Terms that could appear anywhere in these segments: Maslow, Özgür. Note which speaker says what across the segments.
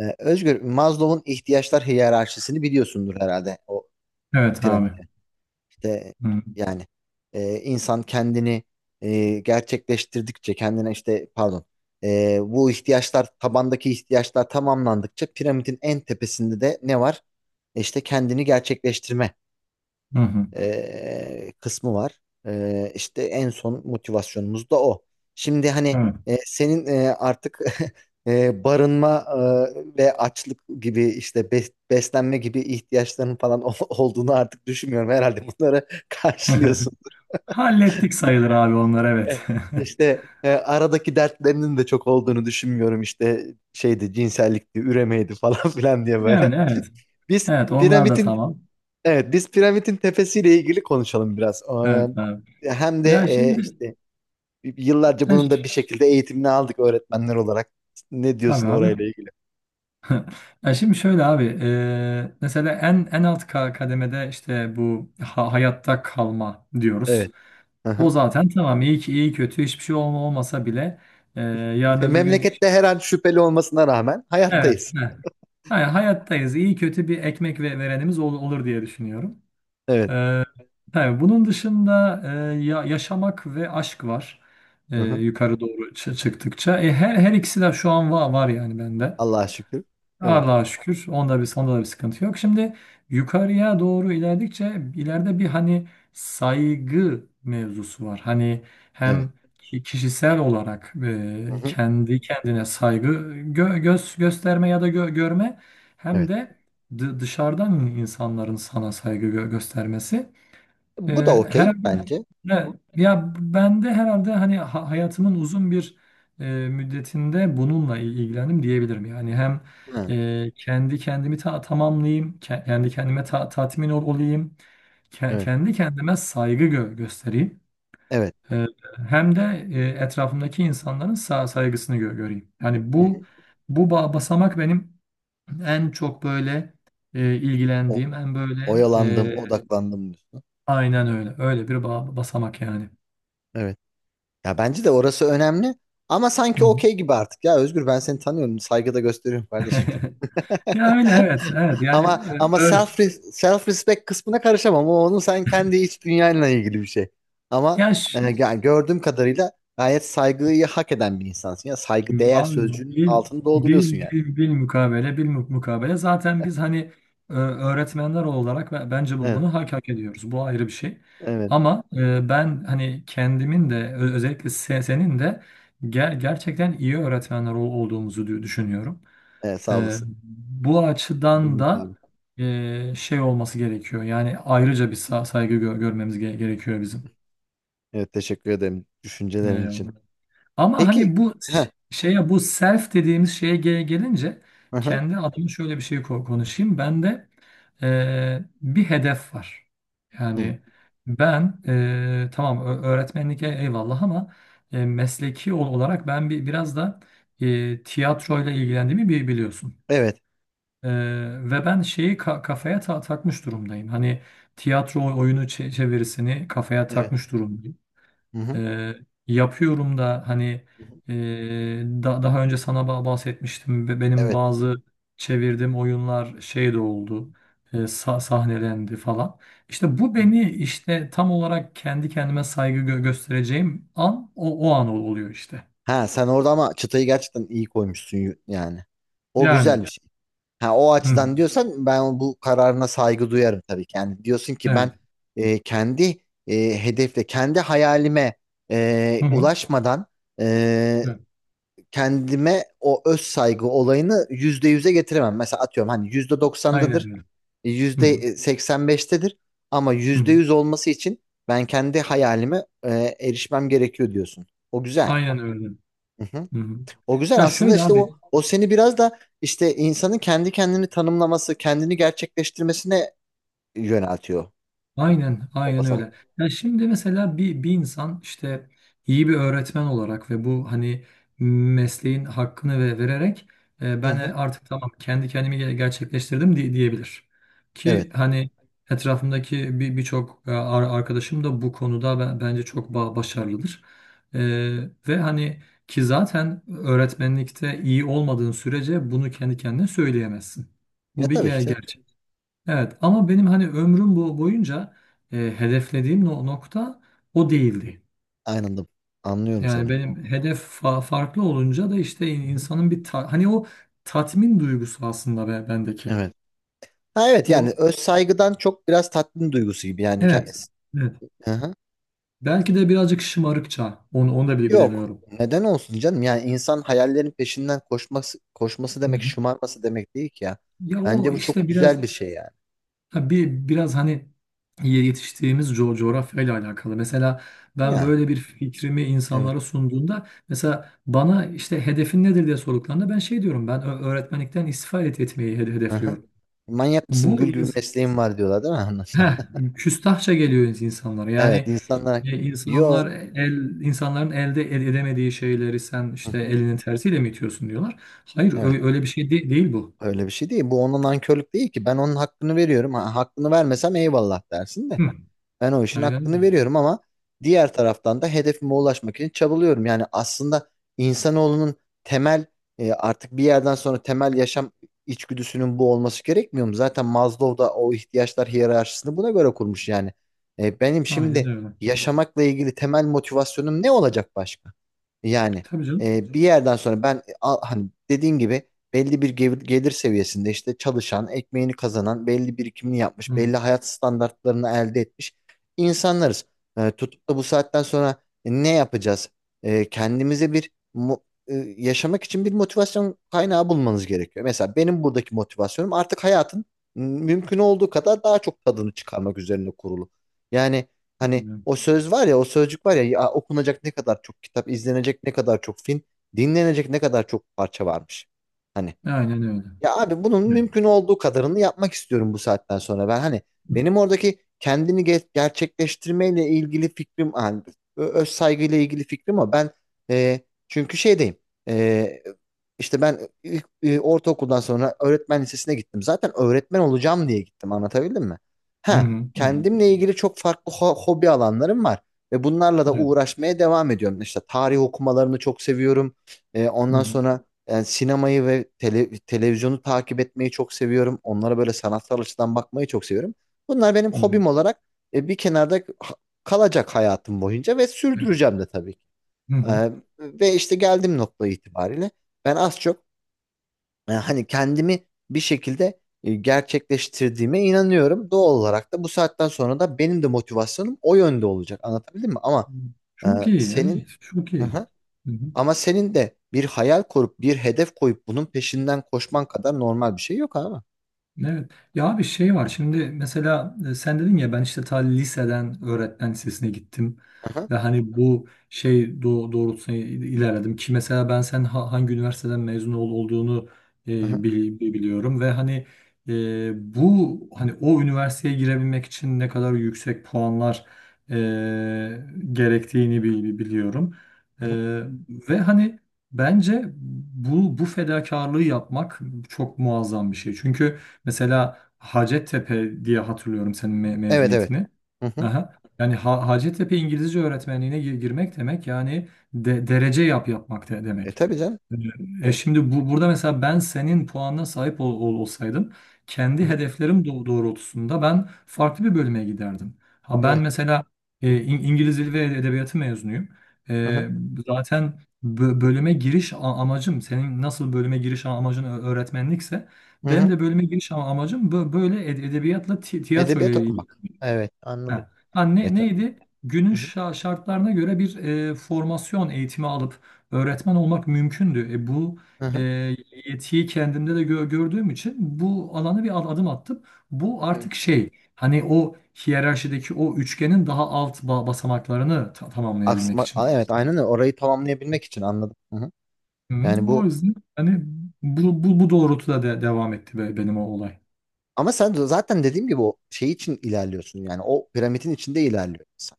Speaker 1: Özgür, Maslow'un ihtiyaçlar hiyerarşisini biliyorsundur herhalde o
Speaker 2: Evet abi.
Speaker 1: piramide. İşte
Speaker 2: Hı
Speaker 1: yani, insan kendini gerçekleştirdikçe kendine işte pardon, e, bu ihtiyaçlar tabandaki ihtiyaçlar tamamlandıkça piramidin en tepesinde de ne var? İşte kendini gerçekleştirme
Speaker 2: hı. Hı.
Speaker 1: kısmı var. İşte en son motivasyonumuz da o. Şimdi hani,
Speaker 2: Evet.
Speaker 1: senin artık barınma ve açlık gibi işte beslenme gibi ihtiyaçların falan olduğunu artık düşünmüyorum. Herhalde bunları karşılıyorsun.
Speaker 2: Hallettik sayılır abi, onlar
Speaker 1: E,
Speaker 2: evet.
Speaker 1: İşte aradaki dertlerinin de çok olduğunu düşünmüyorum. İşte şeydi, cinsellikti, üremeydi falan filan diye
Speaker 2: Yani
Speaker 1: böyle.
Speaker 2: evet.
Speaker 1: Biz
Speaker 2: Evet, onlar da
Speaker 1: piramidin
Speaker 2: tamam.
Speaker 1: Evet, biz piramidin tepesiyle ilgili konuşalım biraz.
Speaker 2: Evet abi.
Speaker 1: Hem de
Speaker 2: Ya şimdi
Speaker 1: işte yıllarca
Speaker 2: ya
Speaker 1: bunun da bir
Speaker 2: ş-
Speaker 1: şekilde eğitimini aldık öğretmenler olarak. Ne
Speaker 2: tabii
Speaker 1: diyorsun
Speaker 2: abi.
Speaker 1: orayla ilgili?
Speaker 2: Ya şimdi şöyle abi, mesela en alt kademede işte bu hayatta kalma diyoruz.
Speaker 1: Evet.
Speaker 2: O
Speaker 1: Hı-hı.
Speaker 2: zaten tamam, iyi ki iyi kötü hiçbir şey olmasa bile, yarın öbür gün
Speaker 1: Memlekette her an şüpheli olmasına rağmen
Speaker 2: evet,
Speaker 1: hayattayız.
Speaker 2: heh. Hayır, hayattayız, iyi kötü bir ekmek ve verenimiz olur diye düşünüyorum.
Speaker 1: Evet.
Speaker 2: Ee, tabii bunun dışında, yaşamak ve aşk var. Ee,
Speaker 1: Hı-hı.
Speaker 2: yukarı doğru çıktıkça. Her ikisi de şu an var yani bende.
Speaker 1: Allah'a şükür. Evet.
Speaker 2: Allah'a şükür. Onda bir, onda da bir sıkıntı yok. Şimdi yukarıya doğru ilerledikçe ileride bir, hani, saygı mevzusu var. Hani
Speaker 1: Evet.
Speaker 2: hem kişisel olarak,
Speaker 1: Hı-hı.
Speaker 2: kendi kendine saygı göz gösterme ya da görme, hem
Speaker 1: Evet.
Speaker 2: de dışarıdan insanların sana saygı göstermesi. Ee,
Speaker 1: Bu da okey
Speaker 2: herhalde
Speaker 1: bence.
Speaker 2: e, ya ben de herhalde, hani, hayatımın uzun bir e, müddetinde bununla ilgilendim diyebilirim. Yani hem
Speaker 1: Ha.
Speaker 2: kendi kendimi tamamlayayım, kendi kendime tatmin olayım,
Speaker 1: Evet.
Speaker 2: kendi kendime saygı göstereyim.
Speaker 1: Evet.
Speaker 2: E, hem de, etrafımdaki insanların saygısını göreyim. Yani bu
Speaker 1: Hı-hı.
Speaker 2: basamak benim en çok böyle
Speaker 1: O,
Speaker 2: ilgilendiğim, en böyle
Speaker 1: oyalandım, odaklandım diyorsun.
Speaker 2: aynen öyle. Öyle bir basamak yani.
Speaker 1: Evet. Ya bence de orası önemli. Ama
Speaker 2: Hı
Speaker 1: sanki
Speaker 2: hı.
Speaker 1: okey gibi artık, ya Özgür, ben seni tanıyorum, saygıda gösteriyorum kardeşim.
Speaker 2: Ya öyle, evet, evet, yani
Speaker 1: Ama
Speaker 2: öyle,
Speaker 1: self respect kısmına karışamam. O, onun sen kendi iç dünyanla ilgili bir şey. Ama
Speaker 2: yaş
Speaker 1: yani gördüğüm kadarıyla gayet saygıyı hak eden bir insansın ya. Saygı değer
Speaker 2: abi,
Speaker 1: sözcüğünün
Speaker 2: bil
Speaker 1: altını dolduruyorsun
Speaker 2: bil
Speaker 1: yani.
Speaker 2: bil bil mukabele bil mu- mukabele zaten biz, hani, öğretmenler olarak bence
Speaker 1: Evet,
Speaker 2: bunu hak ediyoruz, bu ayrı bir şey,
Speaker 1: evet,
Speaker 2: ama ben, hani, kendimin de özellikle senin de gerçekten iyi öğretmenler olduğumuzu düşünüyorum.
Speaker 1: evet, sağ
Speaker 2: E,
Speaker 1: olasın.
Speaker 2: bu açıdan
Speaker 1: Benim
Speaker 2: da,
Speaker 1: abi.
Speaker 2: şey, olması gerekiyor yani, ayrıca bir saygı görmemiz gerekiyor bizim.
Speaker 1: Evet, teşekkür ederim düşüncelerin
Speaker 2: E,
Speaker 1: için.
Speaker 2: Ama
Speaker 1: Peki.
Speaker 2: hani, bu
Speaker 1: Ha.
Speaker 2: şeye, bu self dediğimiz şeye gelince
Speaker 1: Hı hı.
Speaker 2: kendi adıma şöyle bir şey konuşayım. Bende bir hedef var.
Speaker 1: Hı.
Speaker 2: Yani ben, tamam, öğretmenlik eyvallah, ama mesleki olarak ben biraz da tiyatroyla ilgilendiğimi biliyorsun.
Speaker 1: Evet,
Speaker 2: E, ve ben şeyi kafaya takmış durumdayım. Hani tiyatro oyunu çevirisini kafaya
Speaker 1: evet.
Speaker 2: takmış durumdayım.
Speaker 1: Hı hı.
Speaker 2: Eee, yapıyorum da, hani,
Speaker 1: Hı hı.
Speaker 2: daha önce sana bahsetmiştim ve benim
Speaker 1: Evet.
Speaker 2: bazı çevirdiğim oyunlar şey de oldu. Sahnelendi falan. İşte bu
Speaker 1: Hı hı.
Speaker 2: beni, işte, tam olarak kendi kendime saygı göstereceğim an, o an oluyor işte.
Speaker 1: Ha, sen orada ama çıtayı gerçekten iyi koymuşsun yani. O
Speaker 2: Yani
Speaker 1: güzel bir şey. Ha, o
Speaker 2: hı
Speaker 1: açıdan
Speaker 2: hı,
Speaker 1: diyorsan ben bu kararına saygı duyarım tabii ki. Yani diyorsun ki ben
Speaker 2: evet.
Speaker 1: kendi kendi hayalime
Speaker 2: Hı hı,
Speaker 1: ulaşmadan e,
Speaker 2: evet.
Speaker 1: kendime o öz saygı olayını %100'e getiremem. Mesela atıyorum hani yüzde
Speaker 2: Aynen
Speaker 1: doksandadır,
Speaker 2: öyle. Hı
Speaker 1: yüzde
Speaker 2: hı,
Speaker 1: seksen beştedir ama
Speaker 2: hı
Speaker 1: yüzde
Speaker 2: hı.
Speaker 1: yüz olması için ben kendi hayalime erişmem gerekiyor diyorsun. O güzel.
Speaker 2: Aynen öyle. Hı hı.
Speaker 1: O güzel
Speaker 2: Ya
Speaker 1: aslında,
Speaker 2: şöyle
Speaker 1: işte o
Speaker 2: abi.
Speaker 1: o seni biraz da işte insanın kendi kendini tanımlaması, kendini gerçekleştirmesine yöneltiyor
Speaker 2: Aynen,
Speaker 1: o
Speaker 2: aynen
Speaker 1: basamak.
Speaker 2: öyle. Ya şimdi mesela bir insan, işte, iyi bir öğretmen olarak ve bu, hani, mesleğin hakkını vererek,
Speaker 1: Hı
Speaker 2: ben,
Speaker 1: hı.
Speaker 2: artık, tamam, kendi kendimi gerçekleştirdim diyebilir. Ki,
Speaker 1: Evet.
Speaker 2: hani, etrafımdaki birçok arkadaşım da bu konuda bence çok başarılıdır. E, ve, hani, ki zaten öğretmenlikte iyi olmadığın sürece bunu kendi kendine söyleyemezsin.
Speaker 1: Ya
Speaker 2: Bu bir
Speaker 1: tabii ki.
Speaker 2: gerçek. Evet, ama benim, hani, ömrüm bu boyunca hedeflediğim nokta o değildi.
Speaker 1: Anladım. Anlıyorum
Speaker 2: Yani
Speaker 1: seni.
Speaker 2: benim hedef farklı olunca da, işte,
Speaker 1: Hı hı.
Speaker 2: insanın bir hani o tatmin duygusu aslında bendeki.
Speaker 1: Evet. Ha, evet, yani
Speaker 2: O,
Speaker 1: öz saygıdan çok biraz tatmin duygusu gibi yani.
Speaker 2: evet. Evet.
Speaker 1: Hı hı.
Speaker 2: Belki de birazcık şımarıkça, onu da bile
Speaker 1: Yok.
Speaker 2: bilemiyorum.
Speaker 1: Neden olsun canım? Yani insan hayallerin peşinden koşması
Speaker 2: Hı
Speaker 1: demek,
Speaker 2: hı.
Speaker 1: şımarması demek değil ki ya.
Speaker 2: Ya
Speaker 1: Bence
Speaker 2: o,
Speaker 1: bu çok
Speaker 2: işte, biraz.
Speaker 1: güzel bir şey yani.
Speaker 2: Ha, biraz, hani, yetiştiğimiz coğrafyayla alakalı. Mesela ben
Speaker 1: Ya.
Speaker 2: böyle bir fikrimi
Speaker 1: Evet.
Speaker 2: insanlara sunduğumda, mesela bana, işte, hedefin nedir diye sorduklarında ben şey diyorum, ben öğretmenlikten istifa etmeyi
Speaker 1: Hı hı.
Speaker 2: hedefliyorum.
Speaker 1: Manyak mısın?
Speaker 2: Bu
Speaker 1: Gül gibi
Speaker 2: ins-
Speaker 1: mesleğin var, diyorlar değil mi? Anlasın.
Speaker 2: Heh, Küstahça geliyor insanlara.
Speaker 1: Evet,
Speaker 2: Yani
Speaker 1: insanlar, yo.
Speaker 2: insanlar, el insanların elde edemediği şeyleri sen,
Speaker 1: Hı
Speaker 2: işte,
Speaker 1: hı.
Speaker 2: elinin tersiyle mi itiyorsun diyorlar. Hayır,
Speaker 1: Evet,
Speaker 2: öyle bir şey değil bu.
Speaker 1: öyle bir şey değil. Bu onun nankörlük değil ki. Ben onun hakkını veriyorum. Ha, hakkını vermesem eyvallah dersin de.
Speaker 2: Hı.
Speaker 1: Ben o işin
Speaker 2: Aynen öyle.
Speaker 1: hakkını veriyorum, ama diğer taraftan da hedefime ulaşmak için çabalıyorum. Yani aslında insanoğlunun temel artık bir yerden sonra temel yaşam içgüdüsünün bu olması gerekmiyor mu? Zaten Maslow da o ihtiyaçlar hiyerarşisini buna göre kurmuş yani. Benim
Speaker 2: Aynen
Speaker 1: şimdi
Speaker 2: öyle.
Speaker 1: yaşamakla ilgili temel motivasyonum ne olacak başka? Yani
Speaker 2: Tabii canım.
Speaker 1: bir yerden sonra ben, hani dediğin gibi, belli bir gelir seviyesinde işte çalışan, ekmeğini kazanan, belli birikimini yapmış, belli hayat standartlarını elde etmiş insanlarız. Tutup da bu saatten sonra ne yapacağız? Kendimize yaşamak için bir motivasyon kaynağı bulmanız gerekiyor. Mesela benim buradaki motivasyonum artık hayatın mümkün olduğu kadar daha çok tadını çıkarmak üzerine kurulu. Yani, hani
Speaker 2: Hı.
Speaker 1: o söz var ya, o sözcük var ya, ya okunacak ne kadar çok kitap, izlenecek ne kadar çok film, dinlenecek ne kadar çok parça varmış. Hani
Speaker 2: Aynen öyle.
Speaker 1: ya abi, bunun
Speaker 2: Evet.
Speaker 1: mümkün olduğu kadarını yapmak istiyorum bu saatten sonra. Ben hani, benim oradaki kendini gerçekleştirmeyle ilgili fikrim, hani öz saygıyla ilgili fikrim o. Ben, e, çünkü şeydeyim. E, işte ben ortaokuldan sonra öğretmen lisesine gittim. Zaten öğretmen olacağım diye gittim. Anlatabildim mi?
Speaker 2: Hı
Speaker 1: Ha,
Speaker 2: hı, hı hı.
Speaker 1: kendimle ilgili çok farklı hobi alanlarım var ve bunlarla da
Speaker 2: Evet.
Speaker 1: uğraşmaya devam ediyorum. İşte tarih okumalarını çok seviyorum.
Speaker 2: Hı
Speaker 1: Ondan
Speaker 2: hı,
Speaker 1: sonra yani sinemayı ve televizyonu takip etmeyi çok seviyorum. Onlara böyle sanatsal açıdan bakmayı çok seviyorum. Bunlar benim
Speaker 2: hı hı.
Speaker 1: hobim olarak bir kenarda kalacak hayatım boyunca ve
Speaker 2: Evet.
Speaker 1: sürdüreceğim de tabii ki.
Speaker 2: Hı hı.
Speaker 1: E, ve işte geldiğim nokta itibariyle ben az çok, hani kendimi bir şekilde gerçekleştirdiğime inanıyorum. Doğal olarak da bu saatten sonra da benim de motivasyonum o yönde olacak. Anlatabildim mi? E,
Speaker 2: Çok iyi,
Speaker 1: senin...
Speaker 2: evet, çok iyi.
Speaker 1: Ama senin de bir hayal kurup bir hedef koyup bunun peşinden koşman kadar normal bir şey yok abi.
Speaker 2: Evet. Ya bir şey var. Şimdi mesela, sen dedin ya, ben, işte, ta liseden öğretmen lisesine gittim
Speaker 1: Aha,
Speaker 2: ve, hani, bu şey doğrultusunda ilerledim, ki mesela sen hangi üniversiteden mezun olduğunu e,
Speaker 1: aha,
Speaker 2: biliyorum ve, hani, bu, hani, o üniversiteye girebilmek için ne kadar yüksek puanlar e, gerektiğini biliyorum. E,
Speaker 1: aha.
Speaker 2: ve hani, bence bu fedakarlığı yapmak çok muazzam bir şey. Çünkü, mesela, Hacettepe diye hatırlıyorum senin
Speaker 1: Evet, evet.
Speaker 2: mezuniyetini.
Speaker 1: Hı hı.
Speaker 2: Aha. Yani Hacettepe İngilizce öğretmenliğine girmek demek yani, derece yapmak
Speaker 1: E,
Speaker 2: demek.
Speaker 1: tabii canım.
Speaker 2: Ee, E
Speaker 1: E,
Speaker 2: şimdi burada, mesela, ben senin puanına sahip olsaydım
Speaker 1: hı
Speaker 2: kendi
Speaker 1: hı.
Speaker 2: hedeflerim doğrultusunda ben farklı bir bölüme giderdim. Ha, ben
Speaker 1: Evet.
Speaker 2: mesela İngiliz Dili ve Edebiyatı mezunuyum.
Speaker 1: Hı hı.
Speaker 2: E, zaten bölüme giriş amacım, senin nasıl bölüme giriş amacın öğretmenlikse,
Speaker 1: Hı
Speaker 2: benim
Speaker 1: hı.
Speaker 2: de bölüme giriş amacım böyle edebiyatla tiyatro
Speaker 1: Edebiyat
Speaker 2: ile ilgili.
Speaker 1: okumak. Evet, anladım.
Speaker 2: Ha. Ha,
Speaker 1: E, tabii.
Speaker 2: neydi? Günün
Speaker 1: Hı hı,
Speaker 2: şartlarına göre bir, formasyon eğitimi alıp öğretmen olmak mümkündü. Bu
Speaker 1: hı
Speaker 2: e,
Speaker 1: hı.
Speaker 2: yetiyi kendimde de gördüğüm için bu alana bir adım attım. Bu
Speaker 1: Evet.
Speaker 2: artık şey, hani, o hiyerarşideki o üçgenin daha alt basamaklarını tamamlayabilmek
Speaker 1: Aksma,
Speaker 2: için.
Speaker 1: evet, aynen öyle. Orayı tamamlayabilmek için anladım. Hı hı.
Speaker 2: Hı,
Speaker 1: Yani,
Speaker 2: o yüzden, hani, bu doğrultuda devam etti benim o olay.
Speaker 1: ama sen de zaten dediğim gibi o şey için ilerliyorsun. Yani o piramidin içinde ilerliyorsun.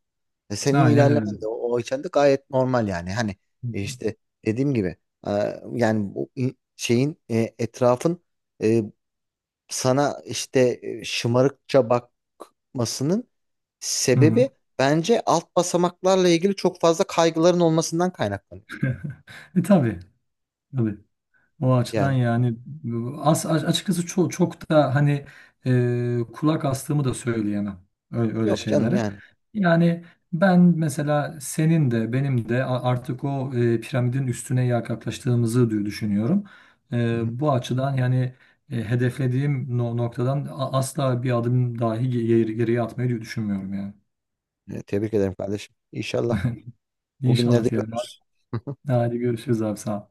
Speaker 1: Senin
Speaker 2: Aynen öyle.
Speaker 1: ilerlemen de o içeride gayet normal yani. Hani
Speaker 2: Hı hı.
Speaker 1: işte dediğim gibi e, yani bu şeyin, etrafın e, sana işte şımarıkça bakmasının
Speaker 2: Hı hı.
Speaker 1: sebebi, bence alt basamaklarla ilgili çok fazla kaygıların olmasından kaynaklanıyor.
Speaker 2: Tabii, tabii. O açıdan
Speaker 1: Yani
Speaker 2: yani, açıkçası çok, çok da, hani, kulak astığımı da söyleyemem öyle, öyle
Speaker 1: yok canım
Speaker 2: şeylere.
Speaker 1: yani.
Speaker 2: Yani ben mesela senin de benim de artık o, piramidin üstüne yaklaştığımızı düşünüyorum.
Speaker 1: Hı
Speaker 2: E,
Speaker 1: hı.
Speaker 2: bu açıdan yani, hedeflediğim noktadan asla bir adım dahi geriye atmayı düşünmüyorum yani.
Speaker 1: Tebrik ederim kardeşim. İnşallah o günleri
Speaker 2: İnşallah
Speaker 1: de
Speaker 2: diyelim abi.
Speaker 1: görürüz.
Speaker 2: Hadi görüşürüz abi, sağ ol.